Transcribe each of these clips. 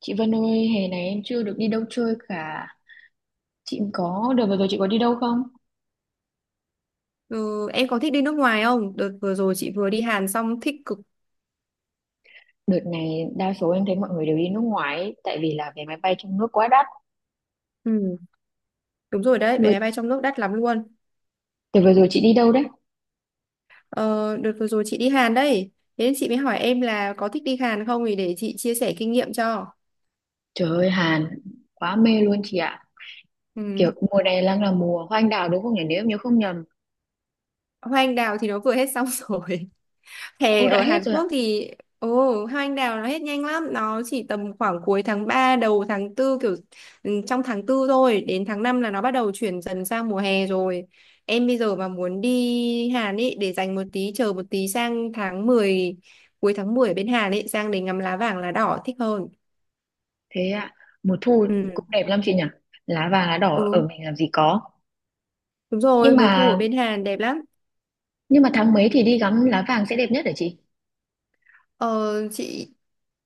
Chị Vân ơi, hè này em chưa được đi đâu chơi cả. Chị có, đợt vừa rồi chị có đi đâu không? Ừ, em có thích đi nước ngoài không? Đợt vừa rồi chị vừa đi Hàn xong thích cực. Đợt này đa số em thấy mọi người đều đi nước ngoài ấy, tại vì là vé máy bay trong nước quá đắt. Ừ, đúng rồi đấy, vé Vừa, máy bay trong nước đắt lắm luôn. Đợt vừa rồi chị đi đâu đấy? Ờ, đợt vừa rồi chị đi Hàn đấy. Thế nên chị mới hỏi em là có thích đi Hàn không thì để chị chia sẻ kinh nghiệm cho. Trời ơi, Hàn, quá mê luôn chị ạ. Ừ. Kiểu mùa này đang là mùa hoa anh đào đúng không nhỉ? Nếu em nhớ không nhầm. Hoa anh đào thì nó vừa hết xong rồi. Hè Ô, đã ở hết Hàn rồi ạ. Quốc thì ồ hoa anh đào nó hết nhanh lắm, nó chỉ tầm khoảng cuối tháng 3 đầu tháng tư kiểu trong tháng tư thôi, đến tháng 5 là nó bắt đầu chuyển dần sang mùa hè rồi. Em bây giờ mà muốn đi Hàn ấy để dành một tí chờ một tí sang tháng mười, cuối tháng 10 ở bên Hàn ấy sang để ngắm lá vàng lá đỏ thích hơn. Thế ạ, mùa thu Ừ. cũng đẹp lắm chị nhỉ? Lá vàng, lá đỏ ở Ừ, mình làm gì có. đúng rồi, Nhưng mùa thu ở mà bên Hàn đẹp lắm. nhưng mà tháng mấy thì đi ngắm lá vàng sẽ đẹp nhất hả chị? Ờ, chị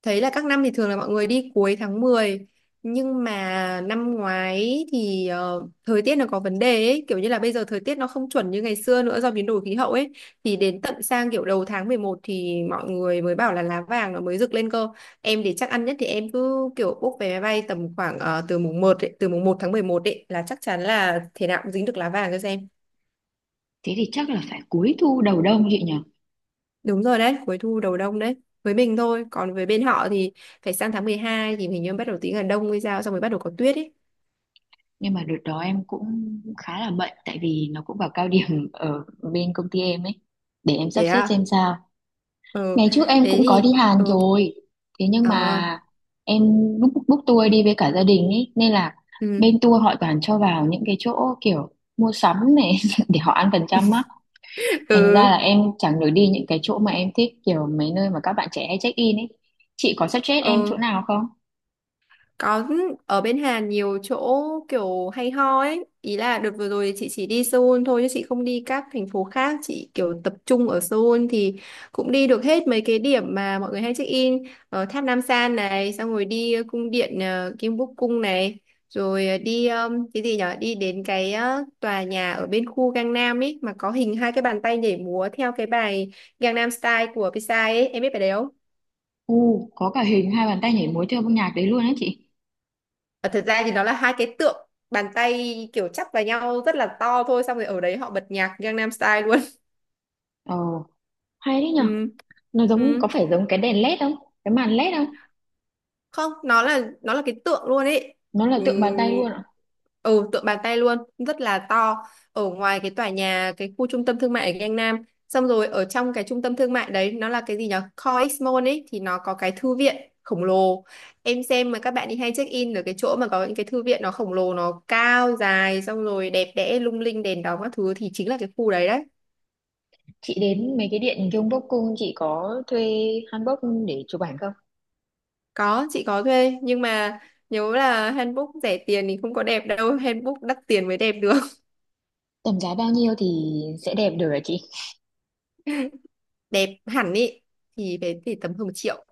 thấy là các năm thì thường là mọi người đi cuối tháng mười, nhưng mà năm ngoái thì thời tiết nó có vấn đề ấy, kiểu như là bây giờ thời tiết nó không chuẩn như ngày xưa nữa do biến đổi khí hậu ấy, thì đến tận sang kiểu đầu tháng 11 thì mọi người mới bảo là lá vàng nó mới rực lên cơ. Em để chắc ăn nhất thì em cứ kiểu book vé máy bay tầm khoảng từ mùng một tháng 11 ấy là chắc chắn là thế nào cũng dính được lá vàng cho xem. Thế thì chắc là phải cuối thu đầu đông chị nhỉ? Đúng rồi đấy, cuối thu đầu đông đấy. Với mình thôi, còn với bên họ thì phải sang tháng 12 thì mình như bắt đầu tí là đông hay sao xong rồi bắt đầu có tuyết ấy. Nhưng mà đợt đó em cũng khá là bận, tại vì nó cũng vào cao điểm ở bên công ty em ấy. Để em sắp Thế xếp à? xem sao. Ừ. Ngày trước em Thế cũng có đi thì Hàn ừ. rồi, thế nhưng Ờ. mà em book book tour đi với cả gia đình ấy nên là Ừ. bên tour họ toàn cho vào những cái chỗ kiểu mua sắm này để họ ăn phần trăm á. Thành ra là Ừ. em chẳng được đi những cái chỗ mà em thích, kiểu mấy nơi mà các bạn trẻ hay check in ấy. Chị có suggest em Ờ. chỗ nào không? Có. Ở bên Hàn nhiều chỗ kiểu hay ho ấy. Ý là đợt vừa rồi chị chỉ đi Seoul thôi chứ chị không đi các thành phố khác. Chị kiểu tập trung ở Seoul thì cũng đi được hết mấy cái điểm mà mọi người hay check in. Ở tháp Nam San này, xong rồi đi cung điện Kim Búc Cung này. Rồi đi cái gì nhở? Đi đến cái tòa nhà ở bên khu Gangnam ấy mà có hình hai cái bàn tay nhảy múa theo cái bài Gangnam Style của Psy ấy. Em biết bài đấy không? Có cả hình hai bàn tay nhảy múa theo âm nhạc đấy luôn á chị. Ờ, thật ra thì nó là hai cái tượng bàn tay kiểu chắp vào nhau rất là to thôi, xong rồi ở đấy họ bật nhạc Gangnam Style luôn. Ồ, hay đấy nhở. Ừ. Nó giống, Ừ. có phải giống cái đèn led không, cái màn led không? Không, nó là cái tượng luôn ấy. Nó là tượng bàn tay Ừm, luôn ạ? Tượng bàn tay luôn, rất là to, ở ngoài cái tòa nhà, cái khu trung tâm thương mại ở Gangnam, xong rồi ở trong cái trung tâm thương mại đấy nó là cái gì nhở, COEX Mall ấy, thì nó có cái thư viện khổng lồ. Em xem mà các bạn đi hay check in ở cái chỗ mà có những cái thư viện nó khổng lồ, nó cao dài xong rồi đẹp đẽ lung linh đèn đóm các thứ thì chính là cái khu đấy đấy. Chị đến mấy cái điện Gyeongbok cung, chị có thuê hanbok để chụp ảnh không? Có, chị có thuê, nhưng mà nhớ là handbook rẻ tiền thì không có đẹp đâu. Handbook đắt tiền mới đẹp được. Tầm giá bao nhiêu thì sẽ đẹp được hả chị? Đẹp hẳn ý thì thì tầm hơn một triệu.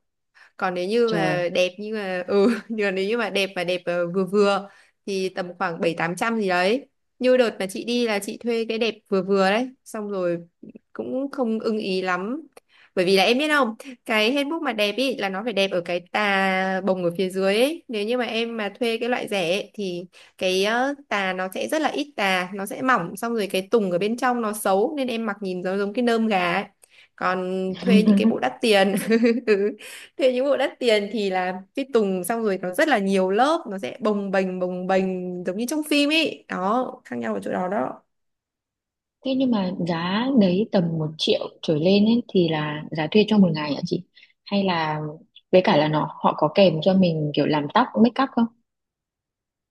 Còn nếu như Trời. mà đẹp như mà nhưng nếu như mà đẹp vừa vừa thì tầm khoảng bảy tám trăm gì đấy. Như đợt mà chị đi là chị thuê cái đẹp vừa vừa đấy, xong rồi cũng không ưng ý lắm, bởi vì là em biết không, cái handbook mà đẹp ý là nó phải đẹp ở cái tà bồng ở phía dưới ấy. Nếu như mà em mà thuê cái loại rẻ ấy, thì cái tà nó sẽ rất là ít, tà nó sẽ mỏng, xong rồi cái tùng ở bên trong nó xấu nên em mặc nhìn giống giống cái nơm gà ấy. Còn thuê những cái bộ đắt tiền thế những bộ đắt tiền thì là cái tùng xong rồi nó rất là nhiều lớp, nó sẽ bồng bềnh giống như trong phim ấy đó, khác nhau ở chỗ đó đó. Thế nhưng mà giá đấy tầm 1 triệu trở lên ấy, thì là giá thuê cho một ngày hả chị? Hay là với cả là nó họ có kèm cho mình kiểu làm tóc make up không?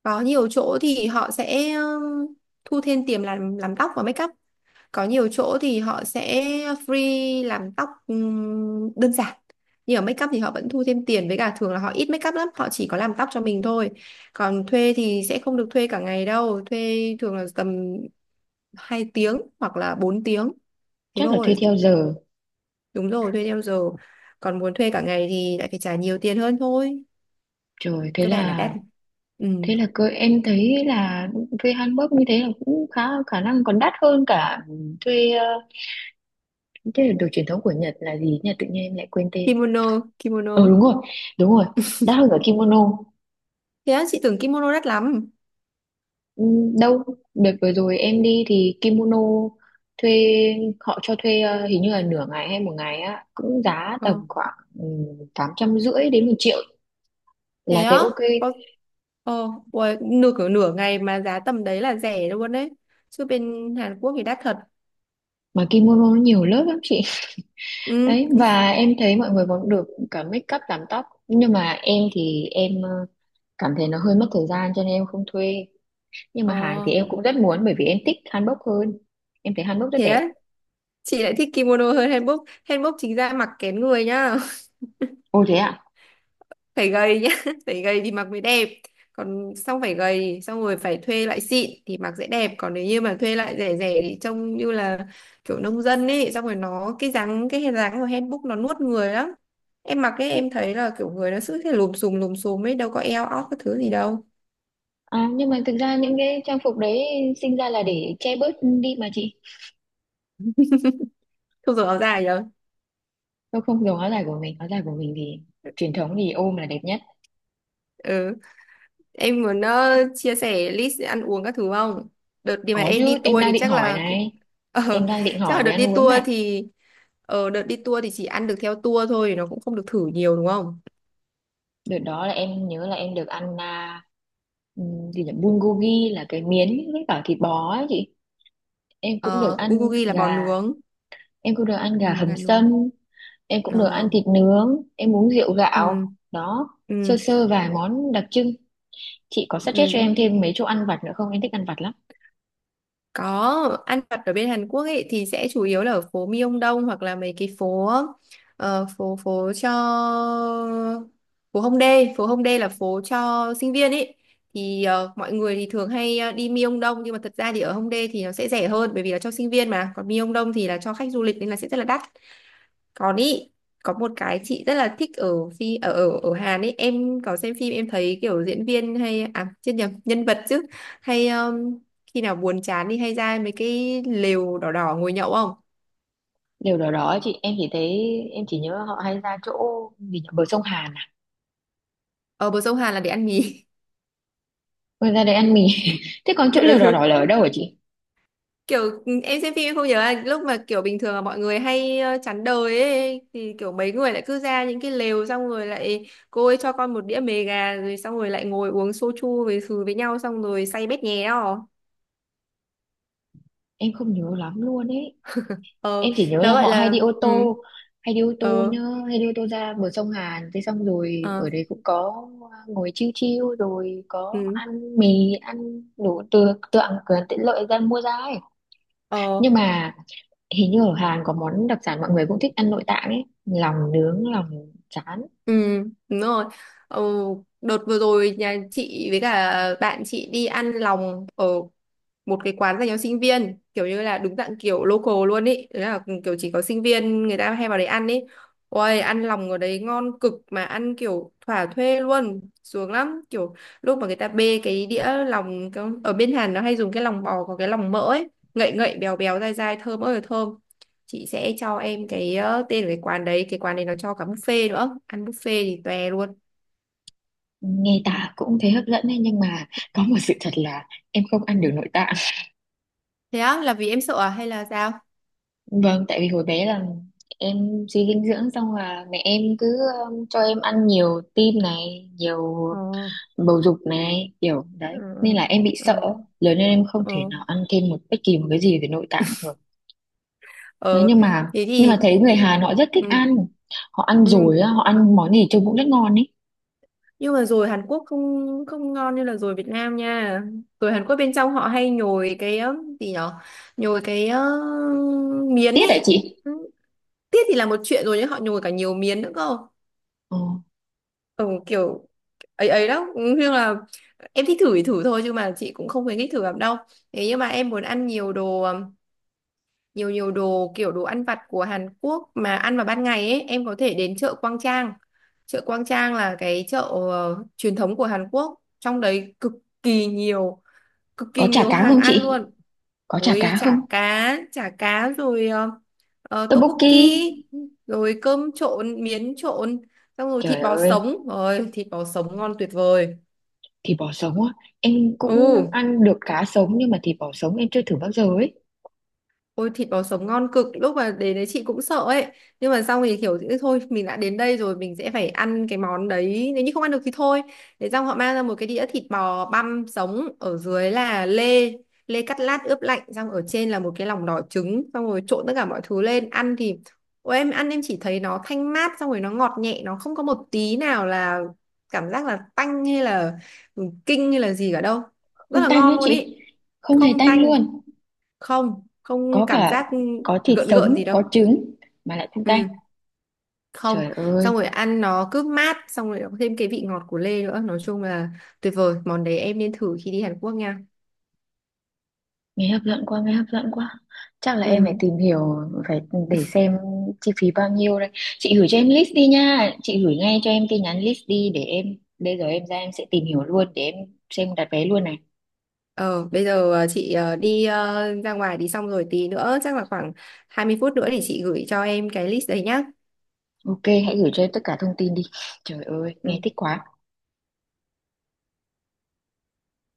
Có nhiều chỗ thì họ sẽ thu thêm tiền làm tóc và make up. Có nhiều chỗ thì họ sẽ free làm tóc đơn giản, nhưng ở make up thì họ vẫn thu thêm tiền, với cả thường là họ ít make up lắm, họ chỉ có làm tóc cho mình thôi. Còn thuê thì sẽ không được thuê cả ngày đâu, thuê thường là tầm 2 tiếng hoặc là 4 tiếng, thế Chắc là thôi. thuê theo giờ. Đúng rồi, thuê theo giờ. Còn muốn thuê cả ngày thì lại phải trả nhiều tiền hơn thôi. Trời, thế Cơ bản là đắt. là Ừ. thế là cơ em thấy là thuê hanbok như thế là cũng khá khả năng còn đắt hơn cả thuê thế là đồ truyền thống của Nhật là gì nhỉ? Tự nhiên em lại quên tên. Kimono, kimono. Ờ Đúng rồi, đúng rồi, đắt hơn cả kimono. Thế á, chị tưởng kimono đắt lắm. Ừ, đâu, đợt vừa rồi em đi thì kimono thuê, họ cho thuê hình như là nửa ngày hay một ngày á, cũng giá Ờ, tầm khoảng ừ, 850 đến 1 triệu thế là thấy á? ok. Có, uầy, nửa ngày mà giá tầm đấy là rẻ luôn đấy. Chứ bên Hàn Quốc thì đắt thật. Mà kimono nó nhiều lớp lắm chị. Ừ, Đấy, và em thấy mọi người còn được cả make up làm tóc, nhưng mà em thì em cảm thấy nó hơi mất thời gian cho nên em không thuê. Nhưng mà hàng thì ờ, em cũng rất muốn bởi vì em thích hanbok hơn. Em thấy hanbok rất thế đẹp. á, chị lại thích kimono hơn hanbok. Hanbok chính ra mặc kén người nhá. Ồ thế ạ? Phải gầy nhá, phải gầy thì mặc mới đẹp, còn xong phải gầy xong rồi phải thuê lại xịn thì mặc sẽ đẹp, còn nếu như mà thuê lại rẻ rẻ thì trông như là kiểu nông dân ấy, xong rồi nó cái hình dáng của handbook nó nuốt người lắm. Em mặc ấy, nhưng, em thấy là kiểu người nó cứ thế lùm xùm ấy, đâu có eo óc cái thứ gì đâu. nhưng mà thực ra những cái trang phục đấy sinh ra là để che bớt đi mà chị. Không dùng áo dài đâu. Tôi không dùng áo dài của mình thì truyền thống thì ôm là đẹp nhất. Ừ. Em muốn chia sẻ list ăn uống các thứ không? Đợt đi mà Có em chứ, đi em tour đang thì định chắc hỏi là cũng này. ờ, Em đang định chắc hỏi là về đợt đi ăn uống tour này. thì đợt đi tour thì chỉ ăn được theo tour thôi, nó cũng không được thử nhiều đúng không? Đợt đó là em nhớ là em được ăn Ừ, thì là bulgogi, là cái miến với cả thịt bò ấy chị. Em cũng được Ờ, ăn bulgogi là bò gà, nướng, em cũng được ăn gà ừ, hầm gà nướng. sâm, em cũng được ăn Ờ, thịt nướng, em uống rượu gạo. ừ, Đó, sơ ừ, sơ vài món đặc trưng. Chị có ừ. suggest cho Ừ. em thêm mấy chỗ ăn vặt nữa không? Em thích ăn vặt lắm. Có, ăn vặt ở bên Hàn Quốc ấy thì sẽ chủ yếu là ở phố Myeongdong hoặc là mấy cái phố ờ, phố phố cho phố Hongdae là phố cho sinh viên ấy. Thì mọi người thì thường hay đi Myeongdong, nhưng mà thật ra thì ở Hongdae thì nó sẽ rẻ hơn bởi vì là cho sinh viên mà, còn Myeongdong thì là cho khách du lịch nên là sẽ rất là đắt. Còn ý có một cái chị rất là thích ở phi ở ở ở Hàn ấy, em có xem phim em thấy kiểu diễn viên hay à chết nhầm nhân vật chứ, hay khi nào buồn chán đi hay ra mấy cái lều đỏ đỏ ngồi nhậu không? Điều đó đó chị, em chỉ thấy em chỉ nhớ họ hay ra chỗ gì nhỉ? Bờ sông Hàn à? Ở bờ sông Hàn là để ăn mì. Rồi ra đấy ăn mì. Thế còn chỗ lều đỏ đỏ Ừ. là ở đâu hả chị? Kiểu em xem phim em không nhớ là lúc mà kiểu bình thường là mọi người hay chán đời ấy thì kiểu mấy người lại cứ ra những cái lều xong rồi lại cô ấy cho con một đĩa mề gà rồi xong rồi lại ngồi uống soju với nhau xong rồi say bét nhé đó. Em không nhớ lắm luôn ấy. Ờ. Em chỉ nhớ Nó là gọi họ hay đi là ô ừ. tô, hay đi ô tô Ờ. nhá hay đi ô tô ra bờ sông Hàn thế, xong rồi ở ờ đấy cũng có, ngồi chiêu chiêu rồi có ừ. ăn mì, ăn đủ, từ từ ăn cửa hàng tiện lợi ra mua ra ấy. Ờ. Nhưng mà hình như ở Hàn có món đặc sản mọi người cũng thích ăn nội tạng ấy, lòng nướng, lòng trán. Ừ. Đúng rồi. Ờ. Đợt vừa rồi nhà chị với cả bạn chị đi ăn lòng ở một cái quán dành cho sinh viên kiểu như là đúng dạng kiểu local luôn ý, đấy là kiểu chỉ có sinh viên người ta hay vào đấy ăn ý. Ôi ăn lòng ở đấy ngon cực, mà ăn kiểu thỏa thuê luôn sướng lắm kiểu lúc mà người ta bê cái đĩa lòng ở bên Hàn nó hay dùng cái lòng bò, có cái lòng mỡ ấy, ngậy ngậy béo béo dai dai thơm ơi là thơm. Chị sẽ cho em cái tên của cái quán đấy, cái quán này nó cho cả buffet nữa, ăn buffet thì tòe luôn. Nghe tả cũng thấy hấp dẫn ấy, nhưng mà có một sự thật là em không ăn được nội tạng. Thế á, là vì em sợ à hay là sao? Vâng, tại vì hồi bé là em suy dinh dưỡng xong là mẹ em cứ cho em ăn nhiều tim này, nhiều Ờ, bầu dục này, kiểu ừ, đấy. ừ, Nên là em bị sợ, ừ. lớn lên em không thể Ừ. nào ăn thêm một bất kỳ một cái gì về nội tạng được. Đấy, ờ nhưng mà Thế nhưng mà thì thấy người Hàn họ rất thích ừ, ăn. Họ ăn ừ. rồi, á, họ ăn món gì trông cũng rất ngon ấy. Nhưng mà rồi Hàn Quốc không không ngon như là rồi Việt Nam nha. Rồi Hàn Quốc bên trong họ hay nhồi cái gì nhở, nhồi cái miến Tiếc hả ấy. chị? Ừ, tiết thì là một chuyện rồi nhưng họ nhồi cả nhiều miến nữa cơ. Ờ, Ừ, kiểu ấy ấy đó. Ừ, nhưng là em thích thử thì thử thôi chứ mà chị cũng không khuyến khích thử lắm đâu. Thế nhưng mà em muốn ăn nhiều đồ, nhiều nhiều đồ kiểu đồ ăn vặt của Hàn Quốc mà ăn vào ban ngày ấy, em có thể đến chợ Quang Trang. Chợ Quang Trang là cái chợ truyền thống của Hàn Quốc, trong đấy kỳ nhiều cực có kỳ chả nhiều cá hàng không ăn chị? luôn. Có chả Ôi cá không? chả cá, chả cá rồi tteokbokki, Tteokbokki. rồi cơm trộn, miến trộn, xong rồi Trời thịt bò ơi, sống, rồi thịt bò sống ngon tuyệt vời. thịt bò sống á, em Ừ. cũng ăn được cá sống nhưng mà thịt bò sống em chưa thử bao giờ ấy. Ôi thịt bò sống ngon cực, lúc mà đến đấy chị cũng sợ ấy, nhưng mà xong thì kiểu "Ừ, thôi mình đã đến đây rồi mình sẽ phải ăn cái món đấy, nếu như không ăn được thì thôi." Thế xong họ mang ra một cái đĩa thịt bò băm sống, ở dưới là lê, lê cắt lát ướp lạnh, xong ở trên là một cái lòng đỏ trứng, xong rồi trộn tất cả mọi thứ lên ăn thì ôi em ăn em chỉ thấy nó thanh mát, xong rồi nó ngọt nhẹ, nó không có một tí nào là cảm giác là tanh hay là kinh hay là gì cả đâu, rất Không là tanh nữa ngon luôn ý. chị. Không hề Không tanh tanh, luôn. không Có không cảm cả, giác có thịt gợn gợn gì sống, đâu. có trứng mà lại không tanh. Ừ. Không. Trời Xong ơi, rồi ăn nó cứ mát, xong rồi nó có thêm cái vị ngọt của lê nữa, nói chung là tuyệt vời, món đấy em nên thử khi đi Hàn Quốc nha. nghe hấp dẫn quá, nghe hấp dẫn quá. Chắc là em phải Ừ. tìm hiểu, phải để xem chi phí bao nhiêu đây. Chị gửi cho em list đi nha. Chị gửi ngay cho em tin nhắn list đi để em, bây giờ em ra em sẽ tìm hiểu luôn để em xem đặt vé luôn này. ờ Bây giờ chị đi ra ngoài đi, xong rồi tí nữa chắc là khoảng 20 phút nữa thì chị gửi cho em cái list đấy nhá. Ok, hãy gửi cho em tất cả thông tin đi. Trời ơi, nghe Ừ thích quá.